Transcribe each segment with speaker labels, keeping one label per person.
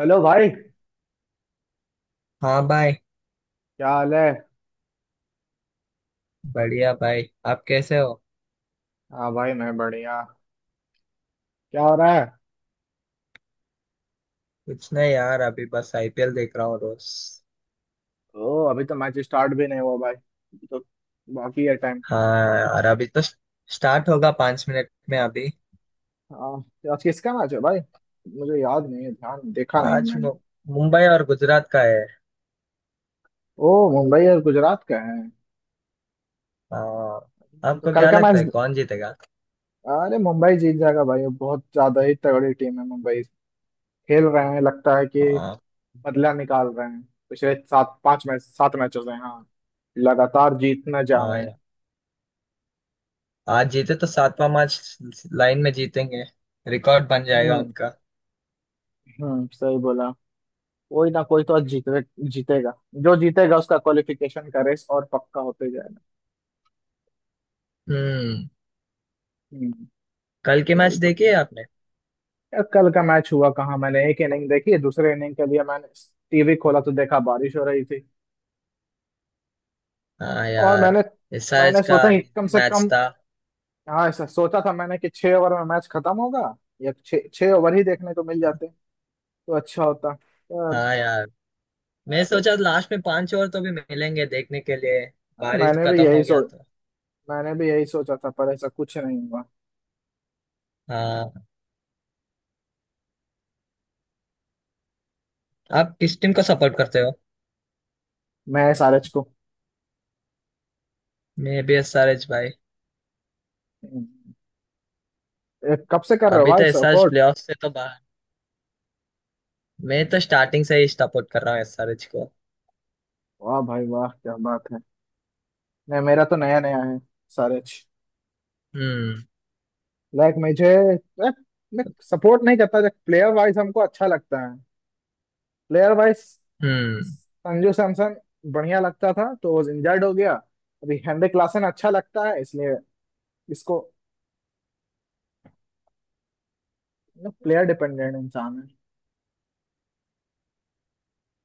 Speaker 1: Hello भाई क्या
Speaker 2: हाँ भाई।
Speaker 1: हाल है।
Speaker 2: बढ़िया भाई। आप कैसे हो?
Speaker 1: हाँ भाई मैं बढ़िया। क्या हो रहा है।
Speaker 2: कुछ नहीं यार, अभी बस आईपीएल देख रहा हूँ रोज।
Speaker 1: ओ अभी तो मैच स्टार्ट भी नहीं हुआ भाई, अभी तो बाकी है टाइम।
Speaker 2: हाँ यार, अभी तो स्टार्ट होगा 5 मिनट में अभी।
Speaker 1: हाँ, तो आज किसका मैच है भाई, मुझे याद नहीं है, ध्यान देखा नहीं है
Speaker 2: आज
Speaker 1: मैंने।
Speaker 2: मुंबई और गुजरात का है।
Speaker 1: ओ, मुंबई और गुजरात का है।
Speaker 2: हाँ।
Speaker 1: ये तो
Speaker 2: आपको
Speaker 1: कल
Speaker 2: क्या
Speaker 1: का
Speaker 2: लगता
Speaker 1: मैच।
Speaker 2: है कौन जीतेगा?
Speaker 1: अरे मुंबई जीत जाएगा भाई, ये बहुत ज्यादा ही तगड़ी टीम है मुंबई, खेल रहे हैं लगता है कि
Speaker 2: हाँ,
Speaker 1: बदला निकाल रहे हैं पिछले सात पांच मैच सात मैचों से। हाँ, लगातार जीतना जा
Speaker 2: हाँ
Speaker 1: रहे हैं।
Speaker 2: यार, आज जीते तो सातवां मैच लाइन में जीतेंगे। रिकॉर्ड बन जाएगा
Speaker 1: हम्म।
Speaker 2: उनका।
Speaker 1: हम्म, सही बोला। कोई ना कोई तो आज जीते जीतेगा। जो जीतेगा उसका क्वालिफिकेशन का रेस और पक्का होते जाएगा।
Speaker 2: हम्म।
Speaker 1: हम्म।
Speaker 2: कल के मैच
Speaker 1: सही तो कहा।
Speaker 2: देखिए आपने?
Speaker 1: यार, कल का मैच हुआ कहाँ, मैंने एक इनिंग देखी, दूसरे इनिंग के लिए मैंने टीवी खोला तो देखा बारिश हो रही थी।
Speaker 2: हाँ
Speaker 1: और
Speaker 2: यार,
Speaker 1: मैंने
Speaker 2: इस आज
Speaker 1: मैंने
Speaker 2: का
Speaker 1: सोचा कि कम से
Speaker 2: मैच
Speaker 1: कम
Speaker 2: था।
Speaker 1: हाँ ऐसा सोचा था मैंने कि 6 ओवर में मैच खत्म होगा, या छह छह ओवर ही देखने को मिल जाते तो अच्छा होता। पर
Speaker 2: हाँ यार, मैं
Speaker 1: ज-
Speaker 2: सोचा लास्ट में पांच और तो भी मिलेंगे देखने के लिए
Speaker 1: हाँ,
Speaker 2: बारिश खत्म हो गया तो।
Speaker 1: मैंने भी यही सोचा था, पर ऐसा कुछ नहीं हुआ।
Speaker 2: हाँ। आप किस टीम को सपोर्ट करते हो?
Speaker 1: मैं सारे को।
Speaker 2: मैं भी एसआरएच भाई।
Speaker 1: हम्म, कब से कर रहे हो
Speaker 2: अभी तो
Speaker 1: भाई
Speaker 2: एसआरएच
Speaker 1: सपोर्ट।
Speaker 2: प्लेऑफ से तो बाहर। मैं तो स्टार्टिंग से ही सपोर्ट कर रहा हूँ एसआरएच को।
Speaker 1: वाह भाई वाह, क्या बात है। नहीं, मेरा तो नया नया है सारे।
Speaker 2: हम्म।
Speaker 1: लाइक मुझे like, मैं सपोर्ट नहीं करता, जब प्लेयर वाइज हमको अच्छा लगता है। प्लेयर वाइज
Speaker 2: हम्म।
Speaker 1: संजू सैमसन बढ़िया लगता था तो वो इंजर्ड हो गया। अभी हेनरिक क्लासन अच्छा लगता है इसलिए इसको, प्लेयर डिपेंडेंट इंसान है।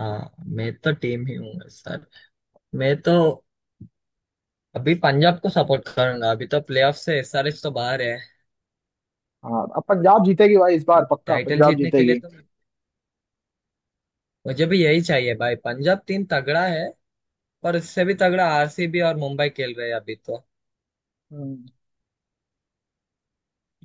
Speaker 2: हाँ, मैं तो टीम ही हूँ सर। मैं तो अभी पंजाब को सपोर्ट करूंगा, अभी तो प्लेऑफ से एसआरएच तो बाहर है,
Speaker 1: हाँ, अब पंजाब जीतेगी भाई, इस बार पक्का
Speaker 2: टाइटल
Speaker 1: पंजाब
Speaker 2: जीतने के लिए
Speaker 1: जीतेगी।
Speaker 2: तो। मुझे भी यही चाहिए भाई, पंजाब टीम तगड़ा है। पर उससे भी तगड़ा आरसीबी और मुंबई खेल रहे हैं अभी तो।
Speaker 1: हम्म।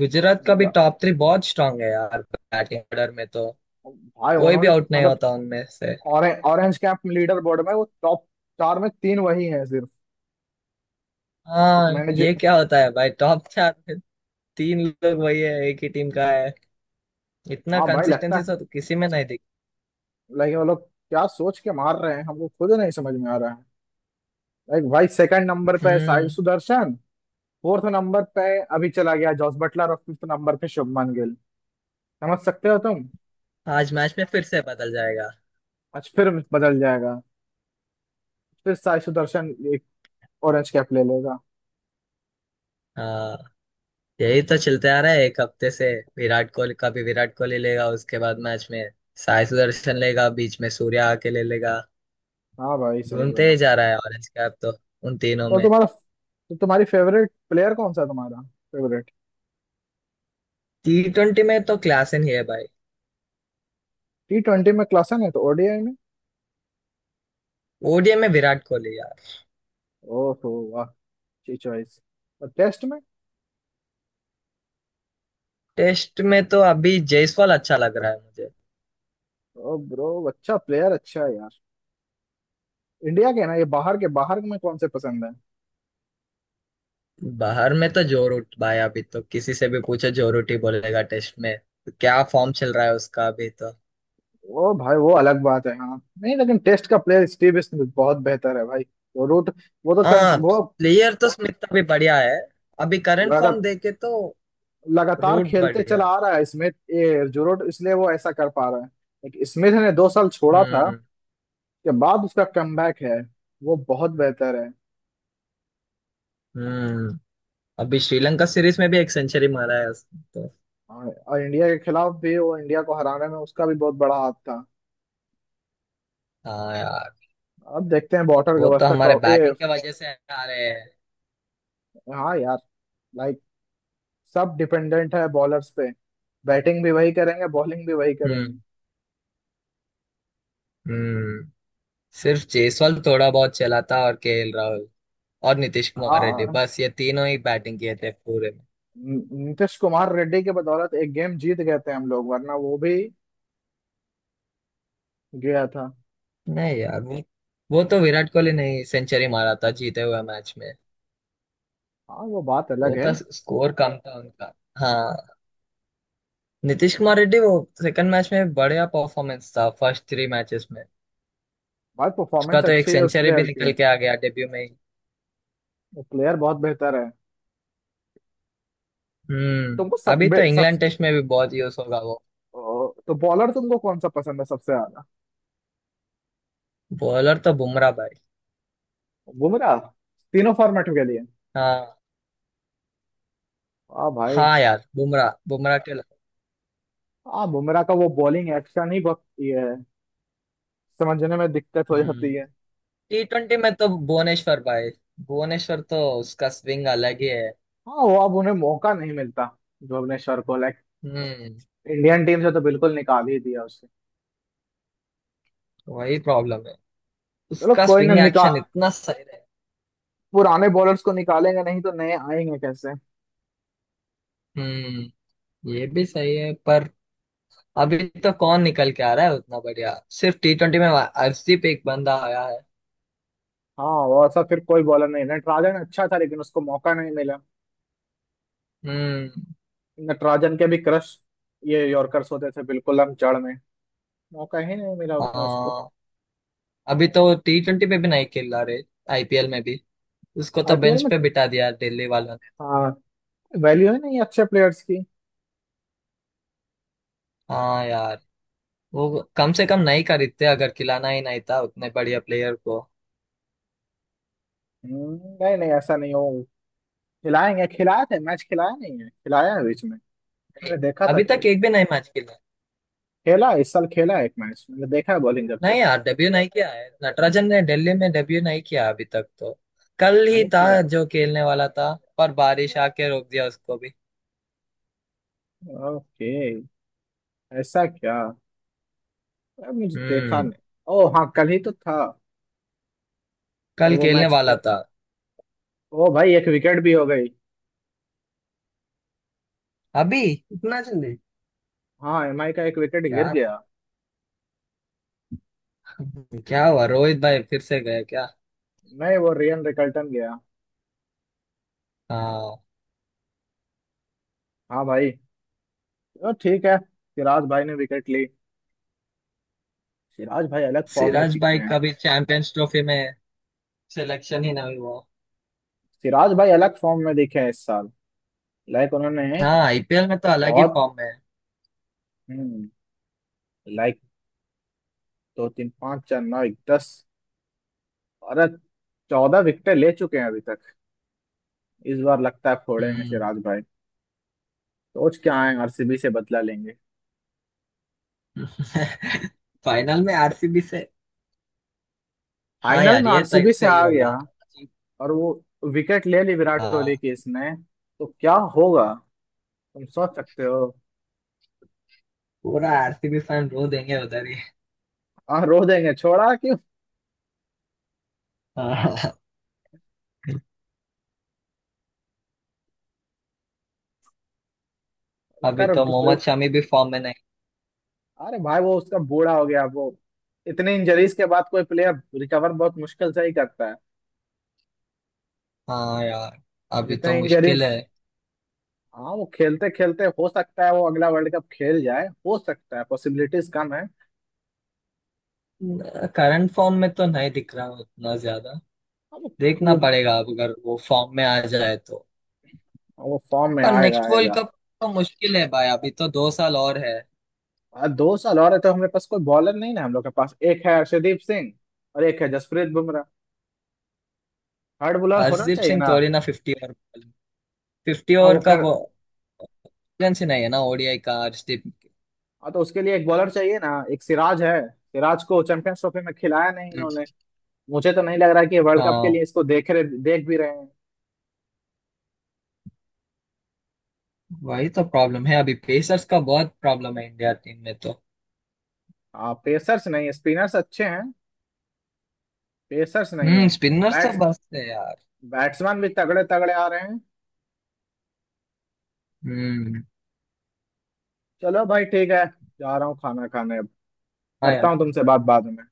Speaker 2: गुजरात का भी
Speaker 1: पंजाब-
Speaker 2: टॉप थ्री बहुत स्ट्रांग है यार, बैटिंग ऑर्डर में तो
Speaker 1: भाई
Speaker 2: कोई भी
Speaker 1: उन्होंने
Speaker 2: आउट नहीं
Speaker 1: मतलब
Speaker 2: होता उनमें से।
Speaker 1: Orange orange cap leaderboard में वो टॉप चार में तीन वही हैं सिर्फ, एक
Speaker 2: हाँ,
Speaker 1: मैनेजर।
Speaker 2: ये क्या होता है भाई, टॉप चार में तीन लोग वही है, एक ही टीम का है। इतना
Speaker 1: हाँ भाई, लगता है
Speaker 2: कंसिस्टेंसी तो किसी में नहीं दिखी।
Speaker 1: लाइक वो लोग क्या सोच के मार रहे हैं, हमको खुद नहीं समझ में आ रहा है। लाइक भाई, सेकंड नंबर पे साई
Speaker 2: हम्म।
Speaker 1: सुदर्शन, फोर्थ नंबर पे अभी चला गया जॉस बटलर, और फिफ्थ नंबर पे शुभमान गिल। समझ सकते हो तुम।
Speaker 2: आज मैच में फिर से बदल जाएगा।
Speaker 1: आज फिर बदल जाएगा, फिर साई सुदर्शन एक ऑरेंज कैप ले लेगा।
Speaker 2: हाँ, यही तो चलते आ रहा है एक हफ्ते से। विराट कोहली, कभी विराट कोहली लेगा उसके बाद मैच में साई सुदर्शन लेगा, बीच में सूर्या आके ले लेगा।
Speaker 1: हाँ भाई, सही
Speaker 2: घूमते
Speaker 1: बोला।
Speaker 2: ही जा रहा है ऑरेंज कैप तो उन तीनों
Speaker 1: तो
Speaker 2: में।
Speaker 1: तुम्हारा तो तुम्हारी फेवरेट प्लेयर कौन सा है, तुम्हारा फेवरेट।
Speaker 2: टी ट्वेंटी में तो क्लास ही है भाई।
Speaker 1: टी ट्वेंटी में क्लासन है, तो ओडीआई में।
Speaker 2: ओडीआई में विराट कोहली यार।
Speaker 1: ओहो वाह, अच्छी चॉइस। और टेस्ट में।
Speaker 2: टेस्ट में तो अभी जायसवाल अच्छा लग रहा है मुझे।
Speaker 1: ओ ब्रो, अच्छा प्लेयर अच्छा है यार। इंडिया के ना, ये बाहर के बाहर में कौन से पसंद है।
Speaker 2: बाहर में तो जो रूट भाई, अभी तो किसी से भी पूछो जो रूट ही बोलेगा टेस्ट में। क्या फॉर्म चल रहा है उसका अभी तो।
Speaker 1: वो भाई, वो अलग बात है, हाँ, नहीं लेकिन टेस्ट का प्लेयर स्टीव स्मिथ बहुत बेहतर है भाई। वो रूट,
Speaker 2: हाँ,
Speaker 1: वो
Speaker 2: प्लेयर तो स्मिथ अभी बढ़िया है, अभी करंट
Speaker 1: लगा,
Speaker 2: फॉर्म देखे तो।
Speaker 1: लगातार
Speaker 2: रूट
Speaker 1: खेलते
Speaker 2: बढ़िया
Speaker 1: चला
Speaker 2: है।
Speaker 1: आ रहा है स्मिथ, ये जुरोट इसलिए वो ऐसा कर पा रहा है। लेकिन स्मिथ ने 2 साल छोड़ा था
Speaker 2: हम्म।
Speaker 1: के बाद उसका कमबैक है। वो बहुत बेहतर है।
Speaker 2: हम्म। अभी श्रीलंका सीरीज में भी एक सेंचुरी मारा है उसने तो।
Speaker 1: और इंडिया के खिलाफ भी वो, इंडिया को हराने में उसका भी बहुत बड़ा हाथ था।
Speaker 2: हाँ यार,
Speaker 1: अब देखते हैं बॉटल
Speaker 2: वो तो
Speaker 1: गवस्कर
Speaker 2: हमारे
Speaker 1: ट्रॉफी ए।
Speaker 2: बैटिंग के वजह से आ रहे हैं।
Speaker 1: हाँ यार, सब डिपेंडेंट है बॉलर्स पे। बैटिंग भी वही करेंगे, बॉलिंग भी वही
Speaker 2: हम्म।
Speaker 1: करेंगे।
Speaker 2: हम्म। सिर्फ जयसवाल थोड़ा बहुत चला था और केएल राहुल और नीतीश कुमार रेड्डी,
Speaker 1: हाँ,
Speaker 2: बस ये तीनों ही बैटिंग किए थे पूरे में।
Speaker 1: नीतीश कुमार रेड्डी के बदौलत एक गेम जीत गए थे हम लोग, वरना वो भी गया था।
Speaker 2: नहीं यार, वो तो विराट कोहली नहीं सेंचुरी मारा था जीते हुए मैच में।
Speaker 1: हाँ, वो बात अलग
Speaker 2: वो
Speaker 1: है।
Speaker 2: था, स्कोर कम था उनका। हाँ, नीतीश कुमार रेड्डी वो सेकंड मैच में बढ़िया परफॉर्मेंस था, फर्स्ट थ्री मैचेस में।
Speaker 1: बात
Speaker 2: उसका
Speaker 1: परफॉर्मेंस
Speaker 2: तो एक
Speaker 1: अच्छी है उस
Speaker 2: सेंचुरी भी
Speaker 1: प्लेयर
Speaker 2: निकल
Speaker 1: की।
Speaker 2: के आ गया डेब्यू में ही।
Speaker 1: वो प्लेयर बहुत बेहतर है।
Speaker 2: हम्म।
Speaker 1: तुमको
Speaker 2: अभी तो
Speaker 1: सब।
Speaker 2: इंग्लैंड टेस्ट में भी बहुत यूज होगा वो।
Speaker 1: ओ, तो बॉलर तुमको कौन सा पसंद है सबसे ज्यादा।
Speaker 2: बॉलर तो बुमराह भाई।
Speaker 1: बुमराह, तीनों फॉर्मेट के लिए।
Speaker 2: हाँ,
Speaker 1: वाह भाई।
Speaker 2: हाँ यार, बुमराह बुमराह के लिए-
Speaker 1: हाँ, बुमराह का वो बॉलिंग एक्शन ही बहुत ये है, समझने में दिक्कत हो जाती
Speaker 2: हम्म
Speaker 1: है।
Speaker 2: टी ट्वेंटी में तो भुवनेश्वर भाई। भुवनेश्वर तो उसका स्विंग अलग ही है।
Speaker 1: हाँ, वो अब उन्हें मौका नहीं मिलता, जो अपने शर को लाइक
Speaker 2: हम्म।
Speaker 1: इंडियन टीम से तो बिल्कुल निकाल ही दिया उससे।
Speaker 2: वही प्रॉब्लम है,
Speaker 1: चलो,
Speaker 2: उसका
Speaker 1: कोई ना
Speaker 2: स्विंग
Speaker 1: निकाल,
Speaker 2: एक्शन इतना सही है।
Speaker 1: पुराने बॉलर्स को निकालेंगे नहीं तो नए आएंगे कैसे।
Speaker 2: हम्म। ये भी सही है पर, अभी तो कौन निकल के आ रहा है उतना बढ़िया, सिर्फ टी ट्वेंटी में अर्शदीप एक बंदा आया है।
Speaker 1: हाँ, और ऐसा फिर कोई बॉलर नहीं, नटराजन अच्छा था लेकिन उसको मौका नहीं मिला।
Speaker 2: हम्म।
Speaker 1: नटराजन के भी क्रश ये यॉर्कर्स होते थे बिल्कुल, हम जड़ में मौका ही नहीं मिला उतना उसको।
Speaker 2: हाँ, अभी तो टी ट्वेंटी में भी नहीं खेल रहा रे, आईपीएल में भी उसको तो
Speaker 1: आईपीएल
Speaker 2: बेंच
Speaker 1: में
Speaker 2: पे बिठा दिया दिल्ली वालों ने।
Speaker 1: हाँ, वैल्यू है नहीं अच्छे प्लेयर्स की।
Speaker 2: हाँ यार, वो कम से कम नहीं खरीदते अगर खिलाना ही नहीं था उतने बढ़िया प्लेयर को।
Speaker 1: नहीं नहीं, ऐसा नहीं हो, खिलाएंगे, खिलाए थे मैच, खिलाया नहीं है, खिलाया है बीच में,
Speaker 2: नहीं,
Speaker 1: मैंने देखा था।
Speaker 2: अभी तक एक भी नहीं मैच खेला।
Speaker 1: खेला है, इस साल खेला है एक मैच, मैंने देखा है बॉलिंग करते
Speaker 2: नहीं
Speaker 1: हुए।
Speaker 2: यार, डेब्यू नहीं किया है नटराजन ने दिल्ली में, डेब्यू नहीं किया अभी तक तो। कल ही
Speaker 1: नहीं
Speaker 2: था
Speaker 1: किया।
Speaker 2: जो खेलने वाला था पर बारिश आके रोक दिया उसको भी।
Speaker 1: ओके, ऐसा क्या, अरे मुझे देखा
Speaker 2: हम्म।
Speaker 1: नहीं। ओ हाँ, कल ही तो था। पर
Speaker 2: कल
Speaker 1: वो
Speaker 2: खेलने
Speaker 1: मैच
Speaker 2: वाला
Speaker 1: खे,
Speaker 2: था।
Speaker 1: ओ भाई एक विकेट भी हो गई।
Speaker 2: अभी इतना जल्दी?
Speaker 1: हाँ, एमआई का एक विकेट गिर
Speaker 2: यार
Speaker 1: गया।
Speaker 2: क्या हुआ, रोहित भाई फिर से गए क्या?
Speaker 1: नहीं, वो रियन रिकल्टन गया।
Speaker 2: हाँ।
Speaker 1: हाँ भाई। ओ ठीक है, सिराज भाई ने विकेट ली। सिराज भाई अलग फॉर्म में
Speaker 2: सिराज
Speaker 1: दिखे
Speaker 2: भाई
Speaker 1: हैं
Speaker 2: का भी चैंपियंस ट्रॉफी में सिलेक्शन ही नहीं हुआ।
Speaker 1: सिराज भाई अलग फॉर्म में दिखे हैं इस साल। लाइक उन्होंने
Speaker 2: हाँ, आईपीएल में तो अलग ही
Speaker 1: बहुत,
Speaker 2: फॉर्म में है।
Speaker 1: हम्म, लाइक, दो तीन पाँच चार नौ दस और 14 विकेट ले चुके हैं अभी। इस बार लगता है फोड़ेंगे
Speaker 2: हम्म।
Speaker 1: सिराज भाई, सोच के आए आरसीबी से बदला लेंगे,
Speaker 2: फाइनल में आरसीबी से। हाँ
Speaker 1: फाइनल
Speaker 2: यार,
Speaker 1: में
Speaker 2: ये तो
Speaker 1: आरसीबी से
Speaker 2: सही
Speaker 1: आ गया।
Speaker 2: होगा।
Speaker 1: और वो विकेट ले ली विराट
Speaker 2: हाँ।
Speaker 1: कोहली की इसने, तो क्या होगा, तुम सोच सकते हो।
Speaker 2: पूरा आरसीबी फैन रो देंगे उधर ही।
Speaker 1: हाँ रो देंगे, छोड़ा कि
Speaker 2: हाँ, अभी
Speaker 1: कर
Speaker 2: तो
Speaker 1: दूसरे।
Speaker 2: मोहम्मद शमी भी फॉर्म में नहीं।
Speaker 1: अरे भाई वो उसका बूढ़ा हो गया वो, इतने इंजरीज के बाद कोई प्लेयर रिकवर बहुत मुश्किल से ही करता है।
Speaker 2: हाँ यार, अभी तो
Speaker 1: जितने
Speaker 2: मुश्किल
Speaker 1: इंजरीज।
Speaker 2: है।
Speaker 1: हाँ, वो खेलते खेलते हो सकता है वो अगला वर्ल्ड कप खेल जाए, हो सकता है, पॉसिबिलिटीज कम है। हाँ,
Speaker 2: करंट फॉर्म में तो नहीं दिख रहा उतना ज्यादा।
Speaker 1: वो
Speaker 2: देखना
Speaker 1: वो,
Speaker 2: पड़ेगा अब अगर वो फॉर्म में आ जाए तो।
Speaker 1: वो फॉर्म में
Speaker 2: पर
Speaker 1: आएगा
Speaker 2: नेक्स्ट वर्ल्ड
Speaker 1: आएगा।
Speaker 2: कप तो मुश्किल है भाई, अभी तो 2 साल और है।
Speaker 1: 2 साल और है, तो हमारे पास कोई बॉलर नहीं ना, हम लोग के पास एक है अर्शदीप सिंह, और एक है जसप्रीत बुमराह। हार्ड बॉलर होना
Speaker 2: हरदीप
Speaker 1: चाहिए
Speaker 2: सिंह
Speaker 1: ना।
Speaker 2: थोड़ी ना, फिफ्टी ओवर फिफ्टी
Speaker 1: हाँ
Speaker 2: ओवर
Speaker 1: वो
Speaker 2: का
Speaker 1: कर,
Speaker 2: वो experience ही नहीं है ना, ओडीआई का हरदीप।
Speaker 1: हाँ तो उसके लिए एक बॉलर चाहिए ना, एक सिराज है, सिराज को चैंपियंस ट्रॉफी में खिलाया नहीं इन्होंने।
Speaker 2: हम्म।
Speaker 1: मुझे तो नहीं लग रहा कि वर्ल्ड कप के लिए
Speaker 2: हाँ,
Speaker 1: इसको देख भी रहे हैं।
Speaker 2: वही तो प्रॉब्लम है, अभी पेसर्स का बहुत प्रॉब्लम है इंडिया टीम में तो।
Speaker 1: हाँ, पेसर्स नहीं है, स्पिनर्स अच्छे हैं। पेसर्स नहीं
Speaker 2: हम्म।
Speaker 1: है।
Speaker 2: स्पिनर्स तो
Speaker 1: बैट्स,
Speaker 2: बस है यार।
Speaker 1: बैट्समैन भी तगड़े तगड़े आ रहे हैं।
Speaker 2: हम्म।
Speaker 1: चलो भाई ठीक है, जा रहा हूँ खाना खाने अब।
Speaker 2: हाँ
Speaker 1: करता
Speaker 2: यार।
Speaker 1: हूँ तुमसे बात बाद में।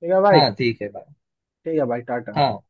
Speaker 1: ठीक है भाई।
Speaker 2: हाँ ठीक है भाई।
Speaker 1: ठीक है भाई टाटा।
Speaker 2: हाँ।